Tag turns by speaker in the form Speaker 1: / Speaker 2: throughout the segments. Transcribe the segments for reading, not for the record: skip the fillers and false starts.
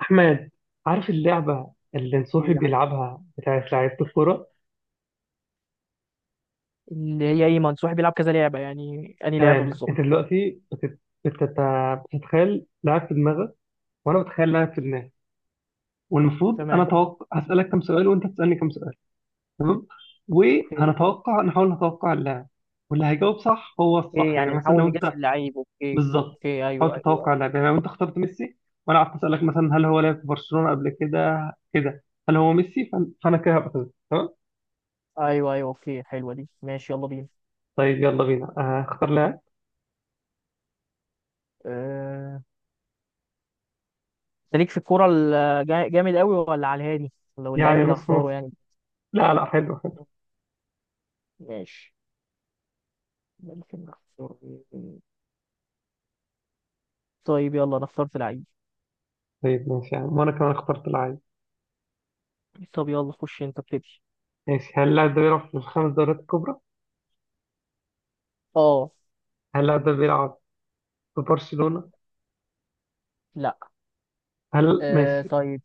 Speaker 1: أحمد، عارف اللعبة اللي نصوحي بيلعبها بتاعت لعيبة الكورة؟
Speaker 2: اللي هي ايه منصوحي بيلعب كذا لعبة، يعني أنهي لعبة
Speaker 1: تمام.
Speaker 2: بالظبط؟
Speaker 1: أنت دلوقتي بتت- بتت- بتتخيل لاعب في دماغك، وأنا بتخيل لاعب في دماغي. والمفروض أنا
Speaker 2: تمام.
Speaker 1: أتوقع هسألك كم سؤال وأنت تسألني كم سؤال. تمام؟
Speaker 2: اوكي
Speaker 1: وهنتوقع نحاول نتوقع اللاعب. واللي هيجاوب صح هو
Speaker 2: اوكي
Speaker 1: الصح. يعني
Speaker 2: يعني
Speaker 1: مثلا
Speaker 2: نحاول
Speaker 1: لو
Speaker 2: نجس
Speaker 1: أنت،
Speaker 2: اللعيب، اوكي.
Speaker 1: بالظبط.
Speaker 2: اوكي، ايوه،
Speaker 1: حاول
Speaker 2: ايوه،
Speaker 1: تتوقع اللاعب. يعني لو أنت اخترت ميسي وأنا قعدت أسألك مثلا، هل هو لعب في برشلونة قبل كده، كده هل هو ميسي، فأنا كده هبقى كده. تمام؟
Speaker 2: ايوه، ايوه. اوكي، حلوة دي، ماشي يلا بينا.
Speaker 1: طيب يلا بينا. اختار لاعب.
Speaker 2: أه... انت ليك في الكورة جامد قوي ولا على الهادي؟ لو اللعيب
Speaker 1: يعني
Speaker 2: اللي
Speaker 1: نص نص.
Speaker 2: هختاره يعني.
Speaker 1: لا لا، حلو حلو.
Speaker 2: ماشي. ممكن نختار مين؟ طيب يلا، انا اخترت لعيب.
Speaker 1: طيب ماشي، يعني وانا كمان اخترت العادي.
Speaker 2: طب يلا، خش انت ابتدي.
Speaker 1: ماشي. هل اللاعب ده بيلعب في الخمس دوريات الكبرى؟
Speaker 2: اه.
Speaker 1: هل اللاعب ده بيلعب في برشلونة؟
Speaker 2: لا.
Speaker 1: ماشي.
Speaker 2: طيب.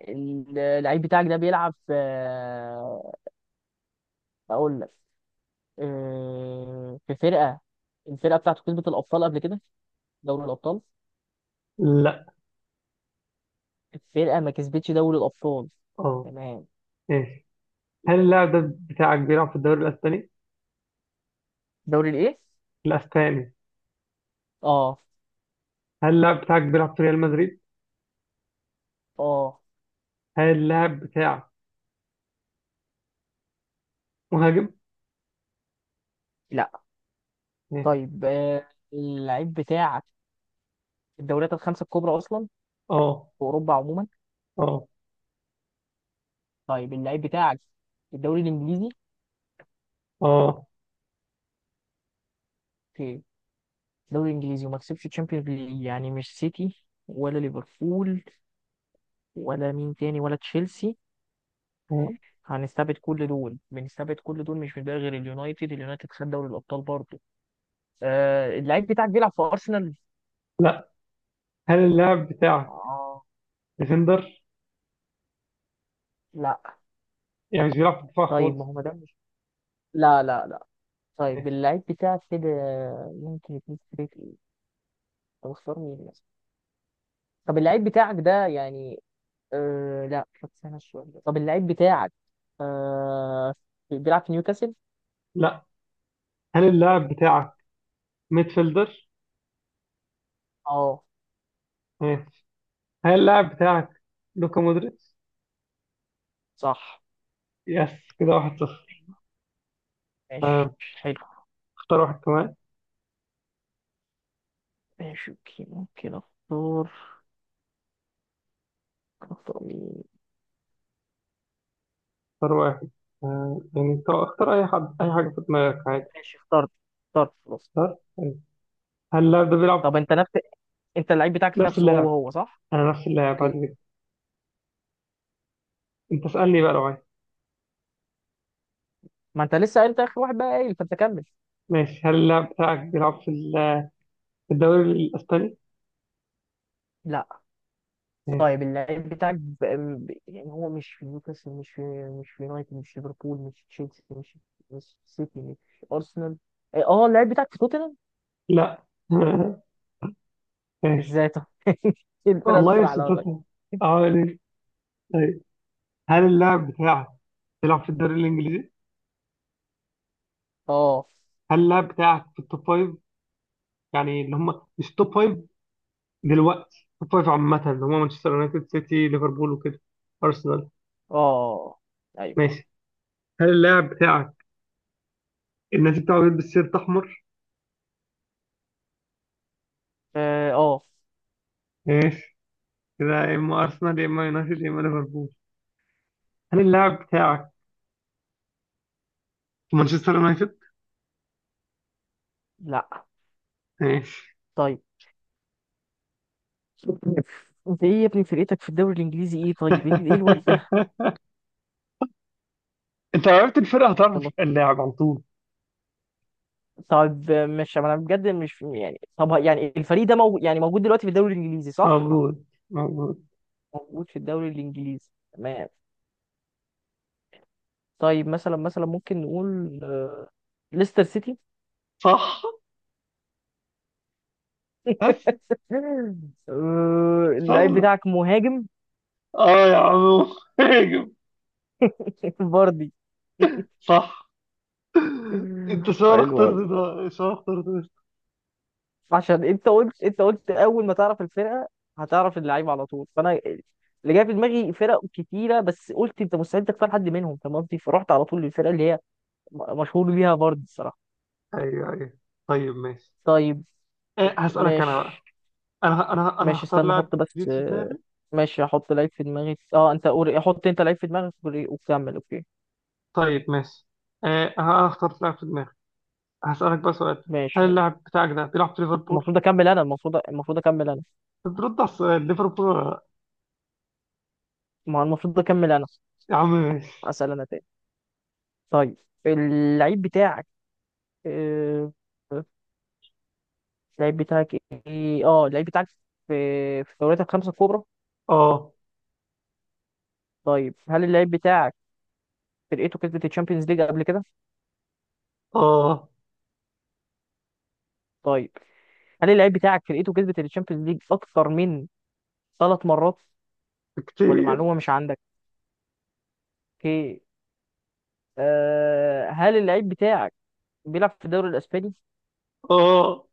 Speaker 2: اللعيب بتاعك ده بيلعب في، اقول لك، في فرقة. الفرقة بتاعته كسبت الأبطال قبل كده؟ دوري الأبطال.
Speaker 1: لا،
Speaker 2: الفرقة ما كسبتش دوري الأبطال.
Speaker 1: اه،
Speaker 2: تمام.
Speaker 1: ماشي. هل اللاعب ده بتاعك بيلعب في الدوري الاسباني؟
Speaker 2: دوري الايه؟
Speaker 1: الاسباني.
Speaker 2: اه.
Speaker 1: هل اللاعب بتاعك بيلعب في ريال مدريد؟
Speaker 2: اه.
Speaker 1: هل اللاعب بتاعك مهاجم؟
Speaker 2: لا.
Speaker 1: ماشي،
Speaker 2: طيب. اللعيب بتاعك في الدوريات الخمسة الكبرى أصلا؟
Speaker 1: اه
Speaker 2: في أوروبا عموما.
Speaker 1: اه
Speaker 2: طيب اللعيب بتاعك في الدوري الإنجليزي؟
Speaker 1: اه،
Speaker 2: في الدوري الإنجليزي وما كسبش تشامبيونز ليج، يعني مش سيتي ولا ليفربول ولا مين تاني ولا تشيلسي.
Speaker 1: آه.
Speaker 2: هنستبعد كل دول، بنستبعد كل دول، مش بنبقى غير اليونايتد. اليونايتد خد دوري الابطال برضه. اللعيب بتاعك بيلعب في ارسنال؟
Speaker 1: لا. هل اللاعب بتاعك
Speaker 2: اه.
Speaker 1: ديفندر؟
Speaker 2: لا.
Speaker 1: يعني مش بيلعب في الدفاع
Speaker 2: طيب ما
Speaker 1: خالص.
Speaker 2: هو، ما ده مش لا لا لا. طيب
Speaker 1: ماشي.
Speaker 2: اللعيب بتاعك كده ممكن يكون فريق ايه؟ طب اختار مين مثلا؟ طب اللعيب بتاعك ده يعني، لا، طب استنى شويه. طب اللعيب بتاعك، آه بيلعب في نيوكاسل؟
Speaker 1: لا. هل اللاعب بتاعك ميدفيلدر؟
Speaker 2: اه.
Speaker 1: هل اللاعب بتاعك لوكا مودريتش؟
Speaker 2: صح.
Speaker 1: يس. كده 1-0.
Speaker 2: ماشي.
Speaker 1: آه،
Speaker 2: حلو.
Speaker 1: اختار واحد كمان.
Speaker 2: ماشي، اوكي. ممكن اختار مين؟
Speaker 1: اختار واحد. يعني انت اختار اي حد اي حاجه في دماغك عادي.
Speaker 2: ماشي، اخترت خلاص.
Speaker 1: اختار طيب. هل اللاعب ده بيلعب
Speaker 2: طب انت نفس انت اللعيب بتاعك
Speaker 1: نفس
Speaker 2: نفسه، هو
Speaker 1: اللاعب.
Speaker 2: هو صح؟
Speaker 1: انا نفس اللاعب عادي
Speaker 2: اوكي.
Speaker 1: جدا. انت اسالني بقى لو عايز.
Speaker 2: ما انت لسه قايل، انت اخر واحد بقى قايل، فانت كمل.
Speaker 1: ماشي، هل اللاعب بتاعك بيلعب في الدوري الاسباني؟
Speaker 2: لا.
Speaker 1: ماشي.
Speaker 2: طيب اللعيب بتاعك يعني هو مش في نيوكاسل، مش في، مش في يونايتد، مش في ليفربول، مش في تشيلسي، مش في سيتي، مش في ارسنال. إيه، اه اللعيب بتاعك في توتنهام؟
Speaker 1: لا. ماشي.
Speaker 2: ازاي طب. إيه الفرقه اللي
Speaker 1: والله يا
Speaker 2: بتروح عليها
Speaker 1: ستات.
Speaker 2: طيب؟
Speaker 1: اه، ليه؟ طيب. هل اللاعب بتاعك بيلعب في الدوري الانجليزي؟
Speaker 2: اه،
Speaker 1: هل اللاعب بتاعك في التوب فايف؟ يعني اللي هم مش توب فايف، دلوقتي توب فايف عامة اللي هو مانشستر يونايتد، سيتي، ليفربول وكده، أرسنال.
Speaker 2: اه، ايوه،
Speaker 1: ماشي. هل اللاعب بتاعك النادي بتاعه بيلبس سيرت أحمر؟
Speaker 2: اه. آه.
Speaker 1: ماشي. كده يا إما أرسنال، يا إما يونايتد، يا إما ليفربول. هل اللاعب بتاعك في مانشستر يونايتد؟
Speaker 2: لا.
Speaker 1: ماشي.
Speaker 2: طيب. انت ايه يا ابني، فرقتك في الدوري الانجليزي ايه طيب، ايه، إيه الواد
Speaker 1: أنت لو عرفت الفرقة هتعرف
Speaker 2: ده؟
Speaker 1: اللاعب على طول.
Speaker 2: طب مش، ما انا بجد مش يعني، طب يعني الفريق ده موجود، يعني موجود دلوقتي في الدوري الانجليزي صح؟
Speaker 1: موجود موجود.
Speaker 2: موجود في الدوري الانجليزي، تمام. طيب مثلا، مثلا ممكن نقول ليستر سيتي.
Speaker 1: صح. بس.
Speaker 2: اللعيب
Speaker 1: سهلة.
Speaker 2: بتاعك مهاجم؟
Speaker 1: آه يا عمو، هاجم.
Speaker 2: فاردي.
Speaker 1: صح. أنت شو
Speaker 2: حلو قوي.
Speaker 1: اخترت ده، شو اخترت ده؟
Speaker 2: عشان انت قلت، اول ما تعرف الفرقه هتعرف اللعيب على طول، فانا اللي جاي في دماغي فرق كتيره، بس قلت انت مستحيل تختار حد منهم، فاهم قصدي، فرحت على طول للفرقه اللي هي مشهور بيها فاردي الصراحه.
Speaker 1: أيوه أيوه. طيب ماشي.
Speaker 2: طيب
Speaker 1: إيه، هسألك أنا
Speaker 2: ماشي.
Speaker 1: بقى. أنا
Speaker 2: ماشي،
Speaker 1: هختار
Speaker 2: استنى
Speaker 1: لاعب
Speaker 2: احط بس،
Speaker 1: جديد في دماغي.
Speaker 2: ماشي احط لعيب في دماغي، اه انت قول، احط انت لعيب في دماغك وكمل، اوكي.
Speaker 1: طيب ماشي. إيه، أنا اخترت لاعب في دماغي. هسألك بقى سؤال.
Speaker 2: ماشي
Speaker 1: هل
Speaker 2: حلو.
Speaker 1: اللاعب بتاعك ده بيلعب في ليفربول؟
Speaker 2: المفروض اكمل انا، المفروض اكمل انا.
Speaker 1: بترد على السؤال، ليفربول ولا لأ؟
Speaker 2: ما هو المفروض اكمل انا.
Speaker 1: يا عم ماشي.
Speaker 2: اسال انا تاني. طيب اللعيب بتاعك، آه، اللعيب بتاعك، ايه اه اللعيب بتاعك في الدوريات الخمسة الكبرى.
Speaker 1: آه.
Speaker 2: طيب هل اللعيب بتاعك فرقته كسبت الشامبيونز ليج قبل كده؟
Speaker 1: آه.
Speaker 2: طيب هل اللعيب بتاعك فرقته كسبت الشامبيونز ليج اكتر من ثلاث مرات؟ ولا
Speaker 1: كتير.
Speaker 2: معلومة مش عندك. اوكي. هل اللعيب بتاعك بيلعب في الدوري الاسباني؟
Speaker 1: آه.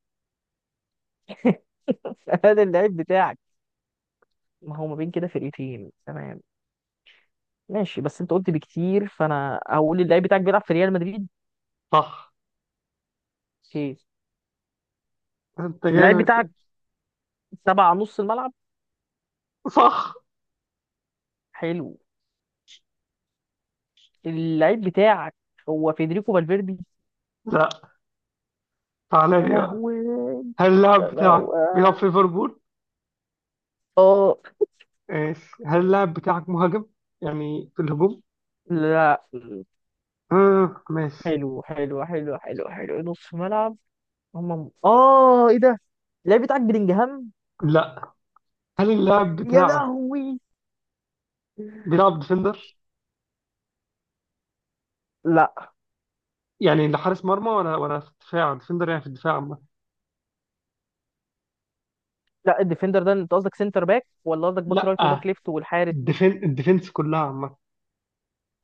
Speaker 2: هل اللعيب بتاعك، ما هو ما بين كده فرقتين، تمام. ماشي، بس انت قلت بكتير، فانا هقول اللعيب بتاعك بيلعب في ريال مدريد.
Speaker 1: صح.
Speaker 2: اوكي.
Speaker 1: أنت
Speaker 2: اللعيب
Speaker 1: جامد
Speaker 2: بتاعك
Speaker 1: يعني.
Speaker 2: تبع نص الملعب.
Speaker 1: صح.
Speaker 2: حلو. اللعيب بتاعك هو فيدريكو فالفيردي.
Speaker 1: لا. تعالى
Speaker 2: يا
Speaker 1: لي بقى.
Speaker 2: لهوي.
Speaker 1: هل
Speaker 2: يا
Speaker 1: اللاعب بتاعك بيلعب
Speaker 2: لهوي.
Speaker 1: في ليفربول؟
Speaker 2: اه.
Speaker 1: ماشي. هل اللاعب بتاعك مهاجم؟ يعني في الهجوم؟
Speaker 2: لا.
Speaker 1: آه ماشي.
Speaker 2: حلو حلو حلو حلو حلو، نص ملعب. هم اه ايه ده، اللعيب بتاعك بلينجهام؟
Speaker 1: لا. هل اللاعب
Speaker 2: يا
Speaker 1: بتاعك
Speaker 2: لهوي.
Speaker 1: بيلعب ديفندر؟
Speaker 2: لا.
Speaker 1: يعني لحارس مرمى ولا في الدفاع، ديفندر يعني في الدفاع عامة.
Speaker 2: لا، الديفندر ده انت قصدك سنتر باك، ولا قصدك باك رايت
Speaker 1: لا،
Speaker 2: وباك ليفت والحارس؟
Speaker 1: الديفنس كلها عامة.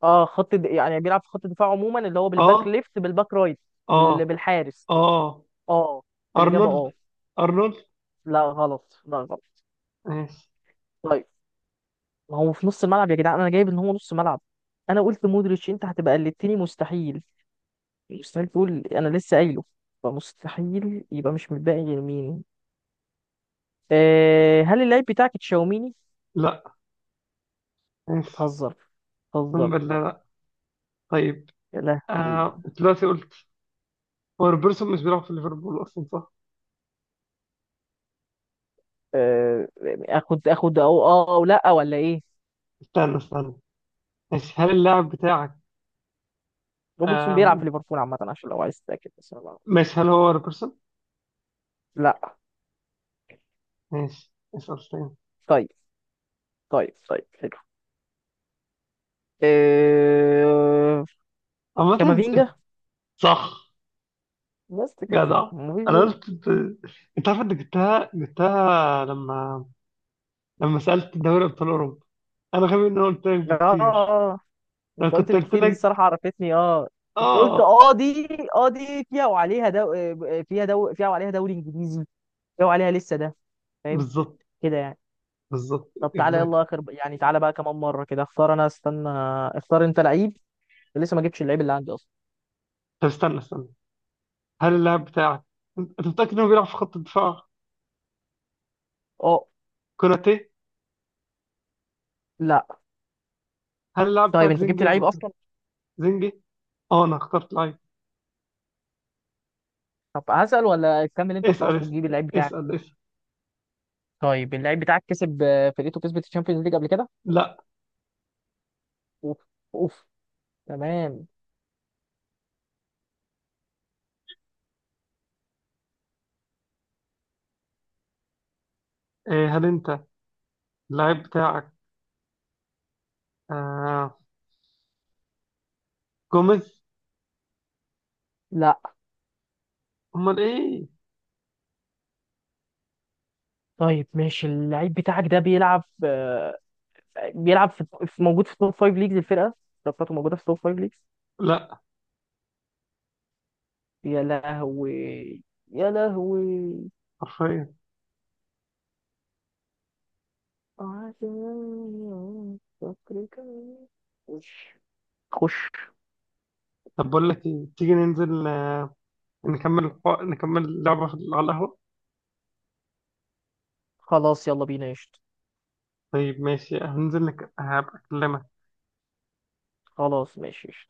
Speaker 2: اه، يعني بيلعب في خط الدفاع عموما، اللي هو بالباك
Speaker 1: اه.
Speaker 2: ليفت، بالباك رايت،
Speaker 1: اه.
Speaker 2: بالحارس.
Speaker 1: اه.
Speaker 2: اه. الاجابه
Speaker 1: ارنولد.
Speaker 2: اه.
Speaker 1: ارنولد.
Speaker 2: لا غلط، لا غلط.
Speaker 1: ماشي.
Speaker 2: طيب. ما هو في نص الملعب يا جدعان، انا جايب ان هو نص ملعب. انا قلت مودريتش، انت هتبقى قلدتني، مستحيل، مستحيل تقول، انا لسه قايله. فمستحيل يبقى مش متبقي غير مين؟ هل اللعيب بتاعك تشاوميني؟
Speaker 1: لا. ماشي.
Speaker 2: بتهزر،
Speaker 1: اقسم
Speaker 2: بتهزر.
Speaker 1: بالله لا. طيب.
Speaker 2: يا لهوي.
Speaker 1: آه دلوقتي قلت، هو روبرتسون مش بيلعب في ليفربول اصلا صح؟
Speaker 2: آه، اخد او او لا، ولا ايه؟
Speaker 1: استنى استنى. ماشي، هل اللاعب بتاعك
Speaker 2: روبرتسون بيلعب في
Speaker 1: آم،
Speaker 2: ليفربول عامه، عشان لو عايز تتاكد، بس أنا بعرف.
Speaker 1: ماشي هل هو روبرتسون؟
Speaker 2: لا.
Speaker 1: ماشي. اسأل تاني.
Speaker 2: طيب طيب حلو. آه،
Speaker 1: عامة. أنت-
Speaker 2: كامافينجا.
Speaker 1: صح.
Speaker 2: بس كده،
Speaker 1: جدع. انا
Speaker 2: مفيش
Speaker 1: قلت انت عارف. انت جبتها جبتها، لما سألت دوري أبطال أوروبا. أنا غبي إن أنا قلت لك
Speaker 2: غير-
Speaker 1: بكتير.
Speaker 2: اه
Speaker 1: لو
Speaker 2: انت قلت
Speaker 1: كنت قلت
Speaker 2: بكتير، دي
Speaker 1: لك
Speaker 2: الصراحه عرفتني. اه انت قلت،
Speaker 1: آه،
Speaker 2: اه دي فيها وعليها دو... آه، فيها دو... فيها وعليها دوري انجليزي، فيها وعليها لسه ده. فاهم
Speaker 1: بالظبط،
Speaker 2: كده يعني؟
Speaker 1: بالظبط،
Speaker 2: طب تعالى
Speaker 1: إكزاكت.
Speaker 2: يلا اخر، يعني تعالى بقى كمان مره كده. اختار انا، استنى، اختار انت لعيب. لسه ما جبتش اللعيب اللي عندي اصلا.
Speaker 1: طب استنى استنى. هل اللاعب بتاعك أنت متأكد إنه بيلعب في خط الدفاع؟
Speaker 2: اه.
Speaker 1: كوناتي.
Speaker 2: لا.
Speaker 1: هل اللاعب
Speaker 2: طيب
Speaker 1: بتاعك
Speaker 2: انت جبت
Speaker 1: زنجي ولا
Speaker 2: لعيب
Speaker 1: بيض؟
Speaker 2: اصلا؟
Speaker 1: زنجي. آه أنا اخترت لعيب.
Speaker 2: طب هسأل ولا تكمل انت
Speaker 1: اسأل
Speaker 2: وخلاص
Speaker 1: اسأل.
Speaker 2: وتجيب اللعيب بتاعك؟
Speaker 1: اسأل اسأل.
Speaker 2: طيب اللعيب بتاعك كسب، فرقته كسبت الشامبيونز ليج قبل كده؟
Speaker 1: لا.
Speaker 2: اوف. اوف. تمام.
Speaker 1: إيه. هل أنت اللاعب بتاعك، آه جوميز.
Speaker 2: لا.
Speaker 1: أمال إيه.
Speaker 2: طيب ماشي اللعيب بتاعك ده بيلعب، بيلعب موجود في توب فايف ليجز. الفرقه بتاعته موجوده في توب فايف ليجز.
Speaker 1: لا.
Speaker 2: يا لهوي. يا لهوي.
Speaker 1: حرفيا.
Speaker 2: عشان فكرك مش، خش.
Speaker 1: طب بقول لك إيه، تيجي ننزل، نكمل نكمل لعبة على القهوة.
Speaker 2: خلاص يلا بينا قشطة.
Speaker 1: طيب ماشي، هنزل لك هبقى أكلمك.
Speaker 2: خلاص ماشي قشطة.